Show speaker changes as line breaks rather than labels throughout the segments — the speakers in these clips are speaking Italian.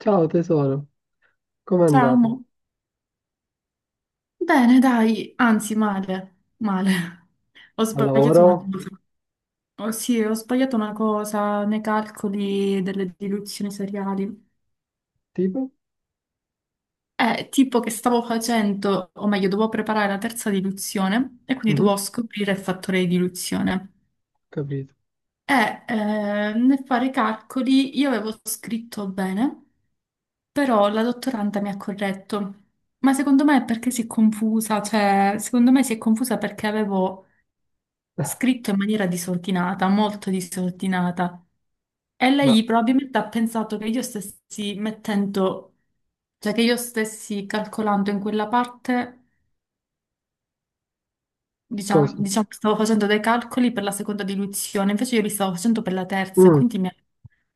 Ciao tesoro, com'è
Ciao,
andato?
amore. Bene, dai, anzi, male, male. Ho
Al
sbagliato una
lavoro?
cosa. Oh, sì, ho sbagliato una cosa nei calcoli delle diluzioni seriali.
Tipo?
È tipo che stavo facendo, o meglio, dovevo preparare la terza diluzione e quindi dovevo
Mhm,
scoprire il fattore di diluzione.
capito.
Nel fare i calcoli io avevo scritto bene. Però la dottoranda mi ha corretto, ma secondo me è perché si è confusa, cioè secondo me si è confusa perché avevo scritto in maniera disordinata, molto disordinata. E
Ma
lei probabilmente ha pensato che io stessi mettendo, cioè che io stessi calcolando in quella parte,
che
diciamo,
cosa?
che stavo facendo dei calcoli per la seconda diluizione, invece io li stavo facendo per la terza e
Mm,
quindi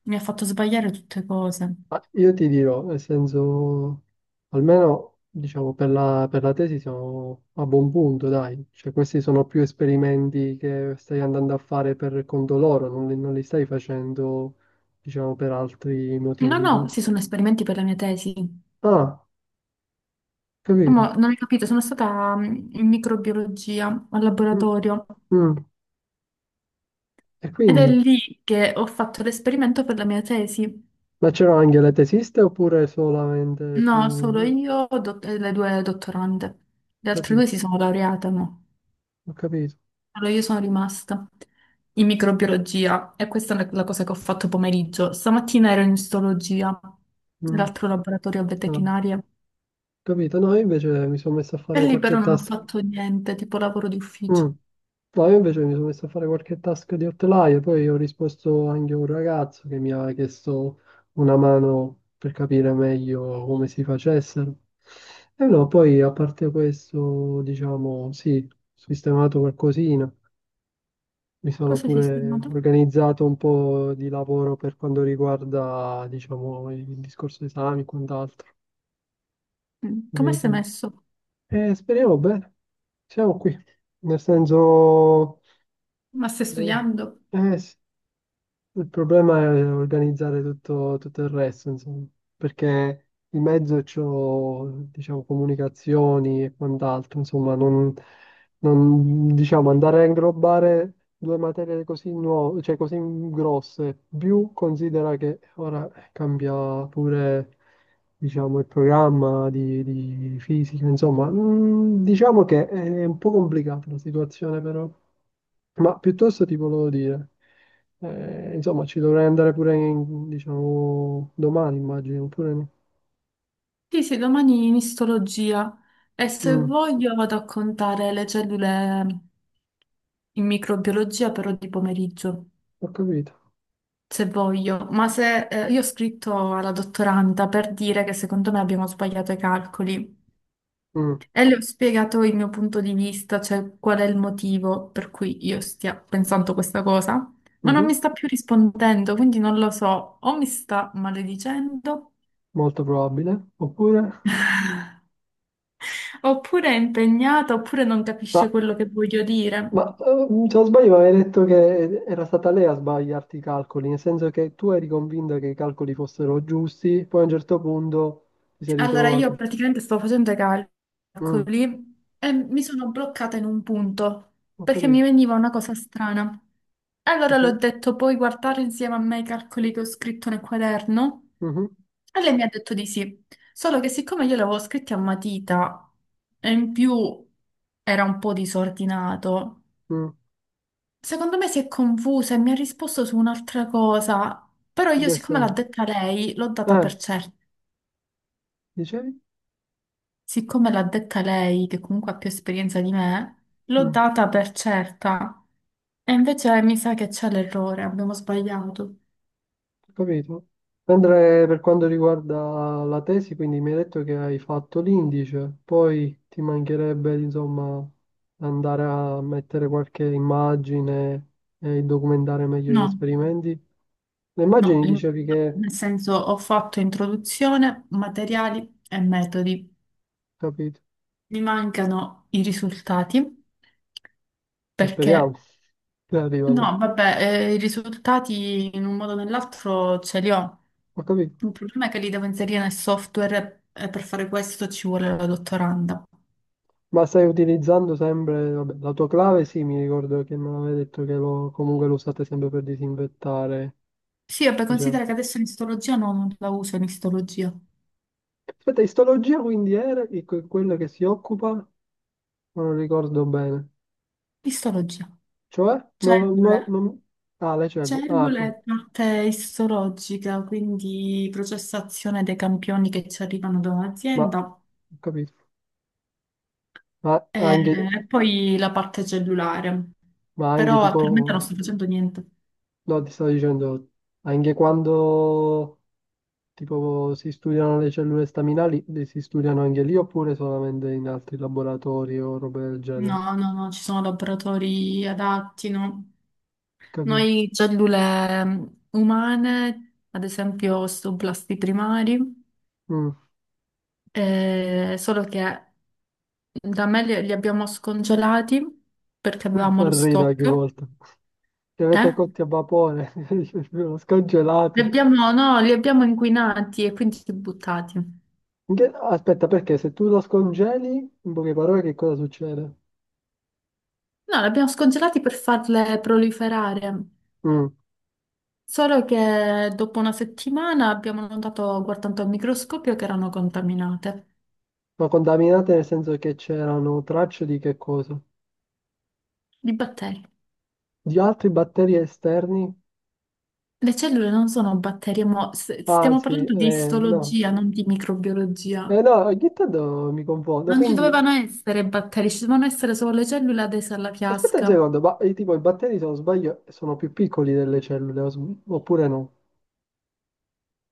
mi ha fatto sbagliare tutte cose.
ma io ti dirò, nel senso, almeno diciamo per la tesi siamo a buon punto, dai. Cioè, questi sono più esperimenti che stai andando a fare per conto loro, non li stai facendo, diciamo, per altri
No,
motivi.
no, questi sono esperimenti per la mia tesi.
Ah,
Ma
capito.
non hai capito, sono stata in microbiologia al
Mm,
laboratorio
mm. E
ed è
quindi?
lì che ho fatto l'esperimento per la mia tesi.
Ma c'erano anche le tesiste oppure solamente
No, solo
tu?
io e le due dottorande.
Ho
Le altre due
capito.
si sono laureate, no.
Ho capito.
Solo io sono rimasta in microbiologia e questa è la cosa che ho fatto pomeriggio. Stamattina ero in istologia,
Mm.
l'altro laboratorio a
Ah, ho
veterinaria.
capito. No, io invece mi sono messo a
E
fare
lì però
qualche
non ho
task.
fatto niente, tipo lavoro di ufficio.
Mm. No, io invece mi sono messo a fare qualche task di Outlier, poi ho risposto anche a un ragazzo che mi aveva chiesto una mano per capire meglio come si facessero. E no, poi a parte questo, diciamo, sì, ho sistemato qualcosina. Mi sono
Cosa hai
pure
sistemato?
organizzato un po' di lavoro per quanto riguarda, diciamo, il discorso esami e quant'altro,
Mm, come sei
capito?
messo?
Speriamo bene, siamo qui, nel senso,
Ma stai
eh,
studiando?
sì. Il problema è organizzare tutto, tutto il resto, insomma, perché in mezzo c'ho, diciamo, comunicazioni e quant'altro, insomma, non, diciamo, andare a inglobare due materie così nuove, cioè così grosse, più considera che ora cambia pure, diciamo, il programma di fisica, insomma, diciamo che è un po' complicata la situazione, però. Ma piuttosto ti volevo dire, insomma, ci dovrei andare pure diciamo, domani, immagino, oppure no?
Sì, sì, domani in istologia e se
Mm,
voglio vado a contare le cellule in microbiologia però di pomeriggio,
ho capito.
se voglio. Ma se io ho scritto alla dottoranda per dire che secondo me abbiamo sbagliato i calcoli
Mm,
e le ho spiegato il mio punto di vista, cioè qual è il motivo per cui io stia pensando questa cosa, ma non
mhm,
mi sta più rispondendo, quindi non lo so, o mi sta maledicendo,
molto probabile. Oppure?
oppure è impegnata, oppure non
Ma,
capisce quello che voglio dire.
ma, se non sbaglio mi avevi detto che era stata lei a sbagliarti i calcoli, nel senso che tu eri convinta che i calcoli fossero giusti, poi a un certo punto ti sei
Allora, io
ritrovato.
praticamente stavo facendo i
Mm,
calcoli e mi sono bloccata in un punto
ho
perché mi
capito.
veniva una cosa strana. Allora
Cos'è?
l'ho detto, puoi guardare insieme a me i calcoli che ho scritto nel quaderno?
Mhm,
E lei mi ha detto di sì. Solo che siccome io li avevo scritti a matita e in più era un po' disordinato,
mm,
secondo me si è confusa e mi ha risposto su un'altra cosa. Però
in
io,
che
siccome l'ha
senso?
detta lei, l'ho data
Eh,
per certa.
dicevi?
Siccome l'ha detta lei, che comunque ha più esperienza di me, l'ho
Mm.
data per certa. E invece mi sa che c'è l'errore, abbiamo sbagliato.
Capito? Mentre per quanto riguarda la tesi, quindi mi hai detto che hai fatto l'indice, poi ti mancherebbe, insomma, andare a mettere qualche immagine e documentare meglio gli
No,
esperimenti. Le
no,
immagini dicevi che,
nel senso ho fatto introduzione, materiali e metodi.
capito?
Mi mancano i risultati
Speriamo
perché,
che arrivano.
no, vabbè, i risultati in un modo o nell'altro ce li ho.
Ho capito.
Il problema è che li devo inserire nel software e per fare questo ci vuole la dottoranda.
Ma stai utilizzando sempre, vabbè, la tua clave, sì, mi ricordo che me l'avevi detto comunque lo usate sempre per disinfettare,
Sì, vabbè,
diciamo.
considera che adesso l'istologia no, non la uso in istologia.
Aspetta, istologia quindi era di quella che si occupa, ma non ricordo bene.
Istologia.
Cioè,
Cellule.
non- Ah, le cellule.
Cellule è parte istologica, quindi processazione dei campioni che ci arrivano da
Ma,
un'azienda
ho capito. Ma
e
anche,
poi la parte cellulare.
ma anche
Però attualmente non
tipo,
sto facendo niente.
no, ti stavo dicendo, anche quando tipo si studiano le cellule staminali, le si studiano anche lì oppure solamente in altri laboratori o robe del genere.
No, no, no, ci sono laboratori adatti, no?
Capito?
Noi cellule umane, ad esempio osteoblasti primari,
Mm,
solo che da me li abbiamo scongelati perché
mi
avevamo
fa
lo
ridere ogni
stock.
volta. Che avete
Eh?
cotti a vapore, lo scongelate.
No, li abbiamo inquinati e quindi buttati. No,
Aspetta, perché se tu lo scongeli, in poche parole, che cosa succede?
li abbiamo scongelati per farle proliferare.
Mm.
Solo che dopo una settimana abbiamo notato, guardando al microscopio, che erano contaminate
Ma contaminate nel senso che c'erano tracce di che cosa?
di batteri.
Di altri batteri esterni?
Le cellule non sono batteri,
Ah,
stiamo
sì,
parlando di
no.
istologia, non di microbiologia.
No, ogni tanto mi confondo.
Non ci
Quindi,
dovevano essere batteri, ci dovevano essere solo le cellule adese alla
aspetta un
piasca.
secondo, tipo i batteri, se non sbaglio, sono più piccoli delle cellule, oppure no?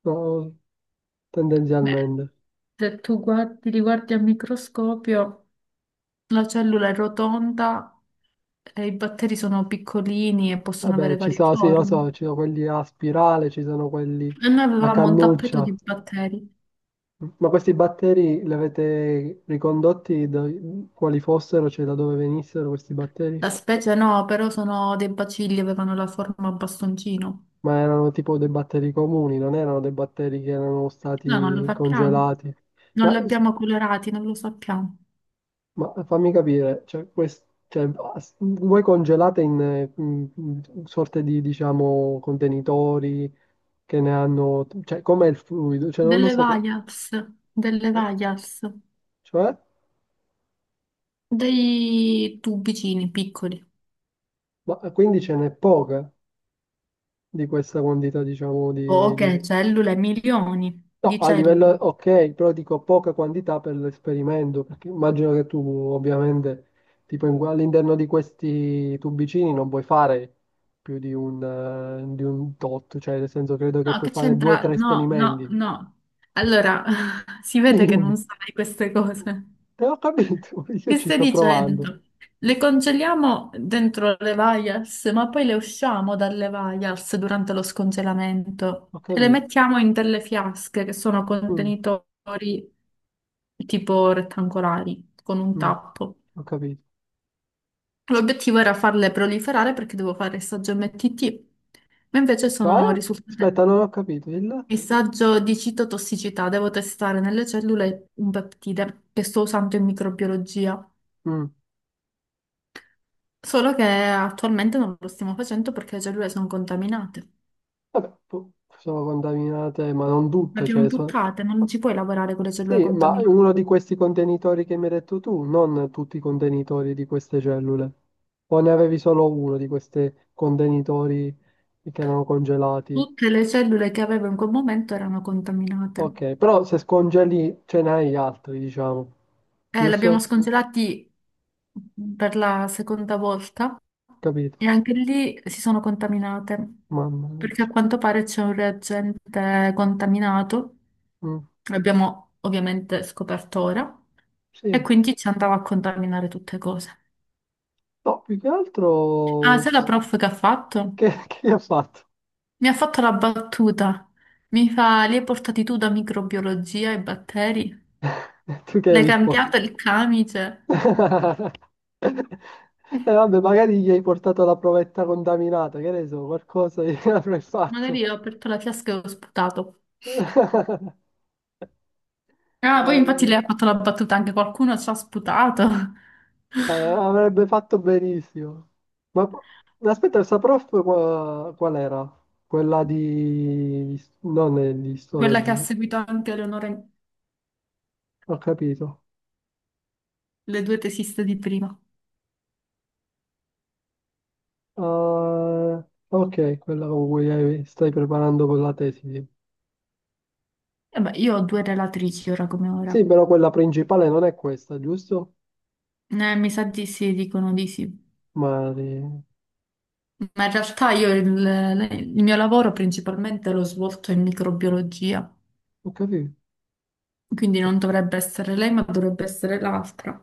No,
Beh,
tendenzialmente.
se tu guardi, li guardi al microscopio, la cellula è rotonda e i batteri sono piccolini e possono
Vabbè,
avere
ci
varie
sono, sì, lo
forme.
so, ci sono quelli a spirale, ci sono quelli
E noi
a
avevamo un tappeto
cannuccia.
di batteri.
Ma questi batteri li avete ricondotti da quali fossero, cioè da dove venissero questi batteri?
La specie no, però sono dei bacilli, avevano la forma a bastoncino.
Ma erano tipo dei batteri comuni, non erano dei batteri che erano
Noi non lo
stati
sappiamo.
congelati.
Non
Ma,
li abbiamo colorati, non lo sappiamo.
ma fammi capire, cioè, voi congelate in, in sorte di, diciamo, contenitori che ne hanno... Cioè, com'è il fluido? Cioè, non lo
Delle
so.
vaias, delle vaias,
Cioè,
dei tubicini piccoli.
ma quindi ce n'è poca di questa quantità, diciamo, di...
Poche
di-
cellule, milioni
No,
di
a livello,
cellule.
ok, però dico poca quantità per l'esperimento, perché immagino che tu ovviamente, tipo all'interno di questi tubicini non puoi fare più di un tot, cioè nel senso credo che
No,
puoi
che
fare due o
c'entra?
tre
No, no,
esperimenti.
no. Allora, si vede che non sai queste cose.
Te ho capito, io
Che
ci
stai
sto provando.
dicendo? Le congeliamo dentro le vials, ma poi le usciamo dalle vials durante lo scongelamento
Ho
e le
capito.
mettiamo in delle fiasche che sono
Mm,
contenitori tipo rettangolari con un
mm,
tappo.
ho capito.
L'obiettivo era farle proliferare perché devo fare il saggio MTT, ma invece
Cioè?
sono risultate.
Aspetta, non ho capito. Il...
Messaggio di citotossicità. Devo testare nelle cellule un peptide che sto usando in microbiologia.
Mm.
Solo che attualmente non lo stiamo facendo perché le cellule sono contaminate.
Vabbè, sono contaminate, ma non
Le
tutte,
abbiamo buttate, non ci puoi lavorare con le cellule
sì, ma
contaminate.
uno di questi contenitori che mi hai detto tu, non tutti i contenitori di queste cellule. O ne avevi solo uno di questi contenitori che erano congelati?
Tutte le cellule che avevo in quel momento erano contaminate.
Ok, però se scongeli ce n'hai altri, diciamo.
Le abbiamo
Giusto?
scongelati per la seconda volta
Capito?
e anche lì si sono contaminate
Mamma mia.
perché a quanto pare c'è un reagente contaminato.
Mm,
L'abbiamo ovviamente scoperto ora.
sì.
E quindi ci andava a contaminare tutte cose.
No, più che
Ah,
altro...
sai la prof che ha fatto?
Che, che gli ha fatto?
Mi ha fatto la battuta. Mi fa, li hai portati tu da microbiologia e batteri?
Tu che hai
L'hai
risposto?
cambiato il camice?
E vabbè, magari gli hai portato la provetta contaminata, che ne so, qualcosa gli avrai fatto.
Magari ho aperto la fiasca e ho sputato. Ah, poi infatti
Eh,
lei ha fatto la battuta, anche qualcuno ci ha sputato.
avrebbe fatto benissimo. Ma ma aspetta, questa prof qual era? Quella di... non è di
Quella che ha
istologia.
seguito anche Eleonora,
Ho capito.
le due tesiste di prima.
Ah, ok, quella con cui stai preparando con la tesi.
E beh, io ho due relatrici ora come
Sì,
ora.
però quella principale non è questa, giusto?
Mi sa di sì, dicono di sì.
Mari.
Ma in realtà il mio lavoro principalmente l'ho svolto in microbiologia,
Ho capito.
quindi non dovrebbe essere lei, ma dovrebbe essere l'altra.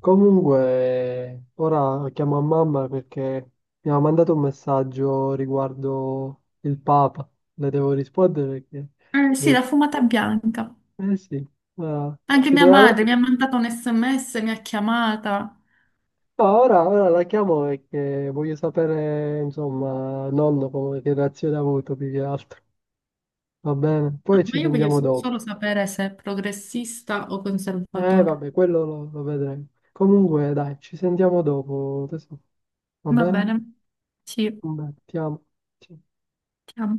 Comunque, ora chiamo a mamma perché mi ha mandato un messaggio riguardo il Papa. Le devo rispondere perché...
Sì, la fumata bianca.
Eh sì, ma
Anche mia madre
sicuramente...
mi ha mandato un SMS, mi ha chiamata.
No, ora la chiamo perché voglio sapere, insomma, nonno come, che reazione ha avuto più che altro. Va bene?
Ah,
Poi
ma
ci
io voglio
sentiamo dopo.
solo sapere se è progressista o conservatore.
Vabbè, quello lo vedremo. Comunque, dai, ci sentiamo dopo. Tesoro. Va
Va bene,
bene?
sì,
Va bene, ti amo. Ciao.
ti amo.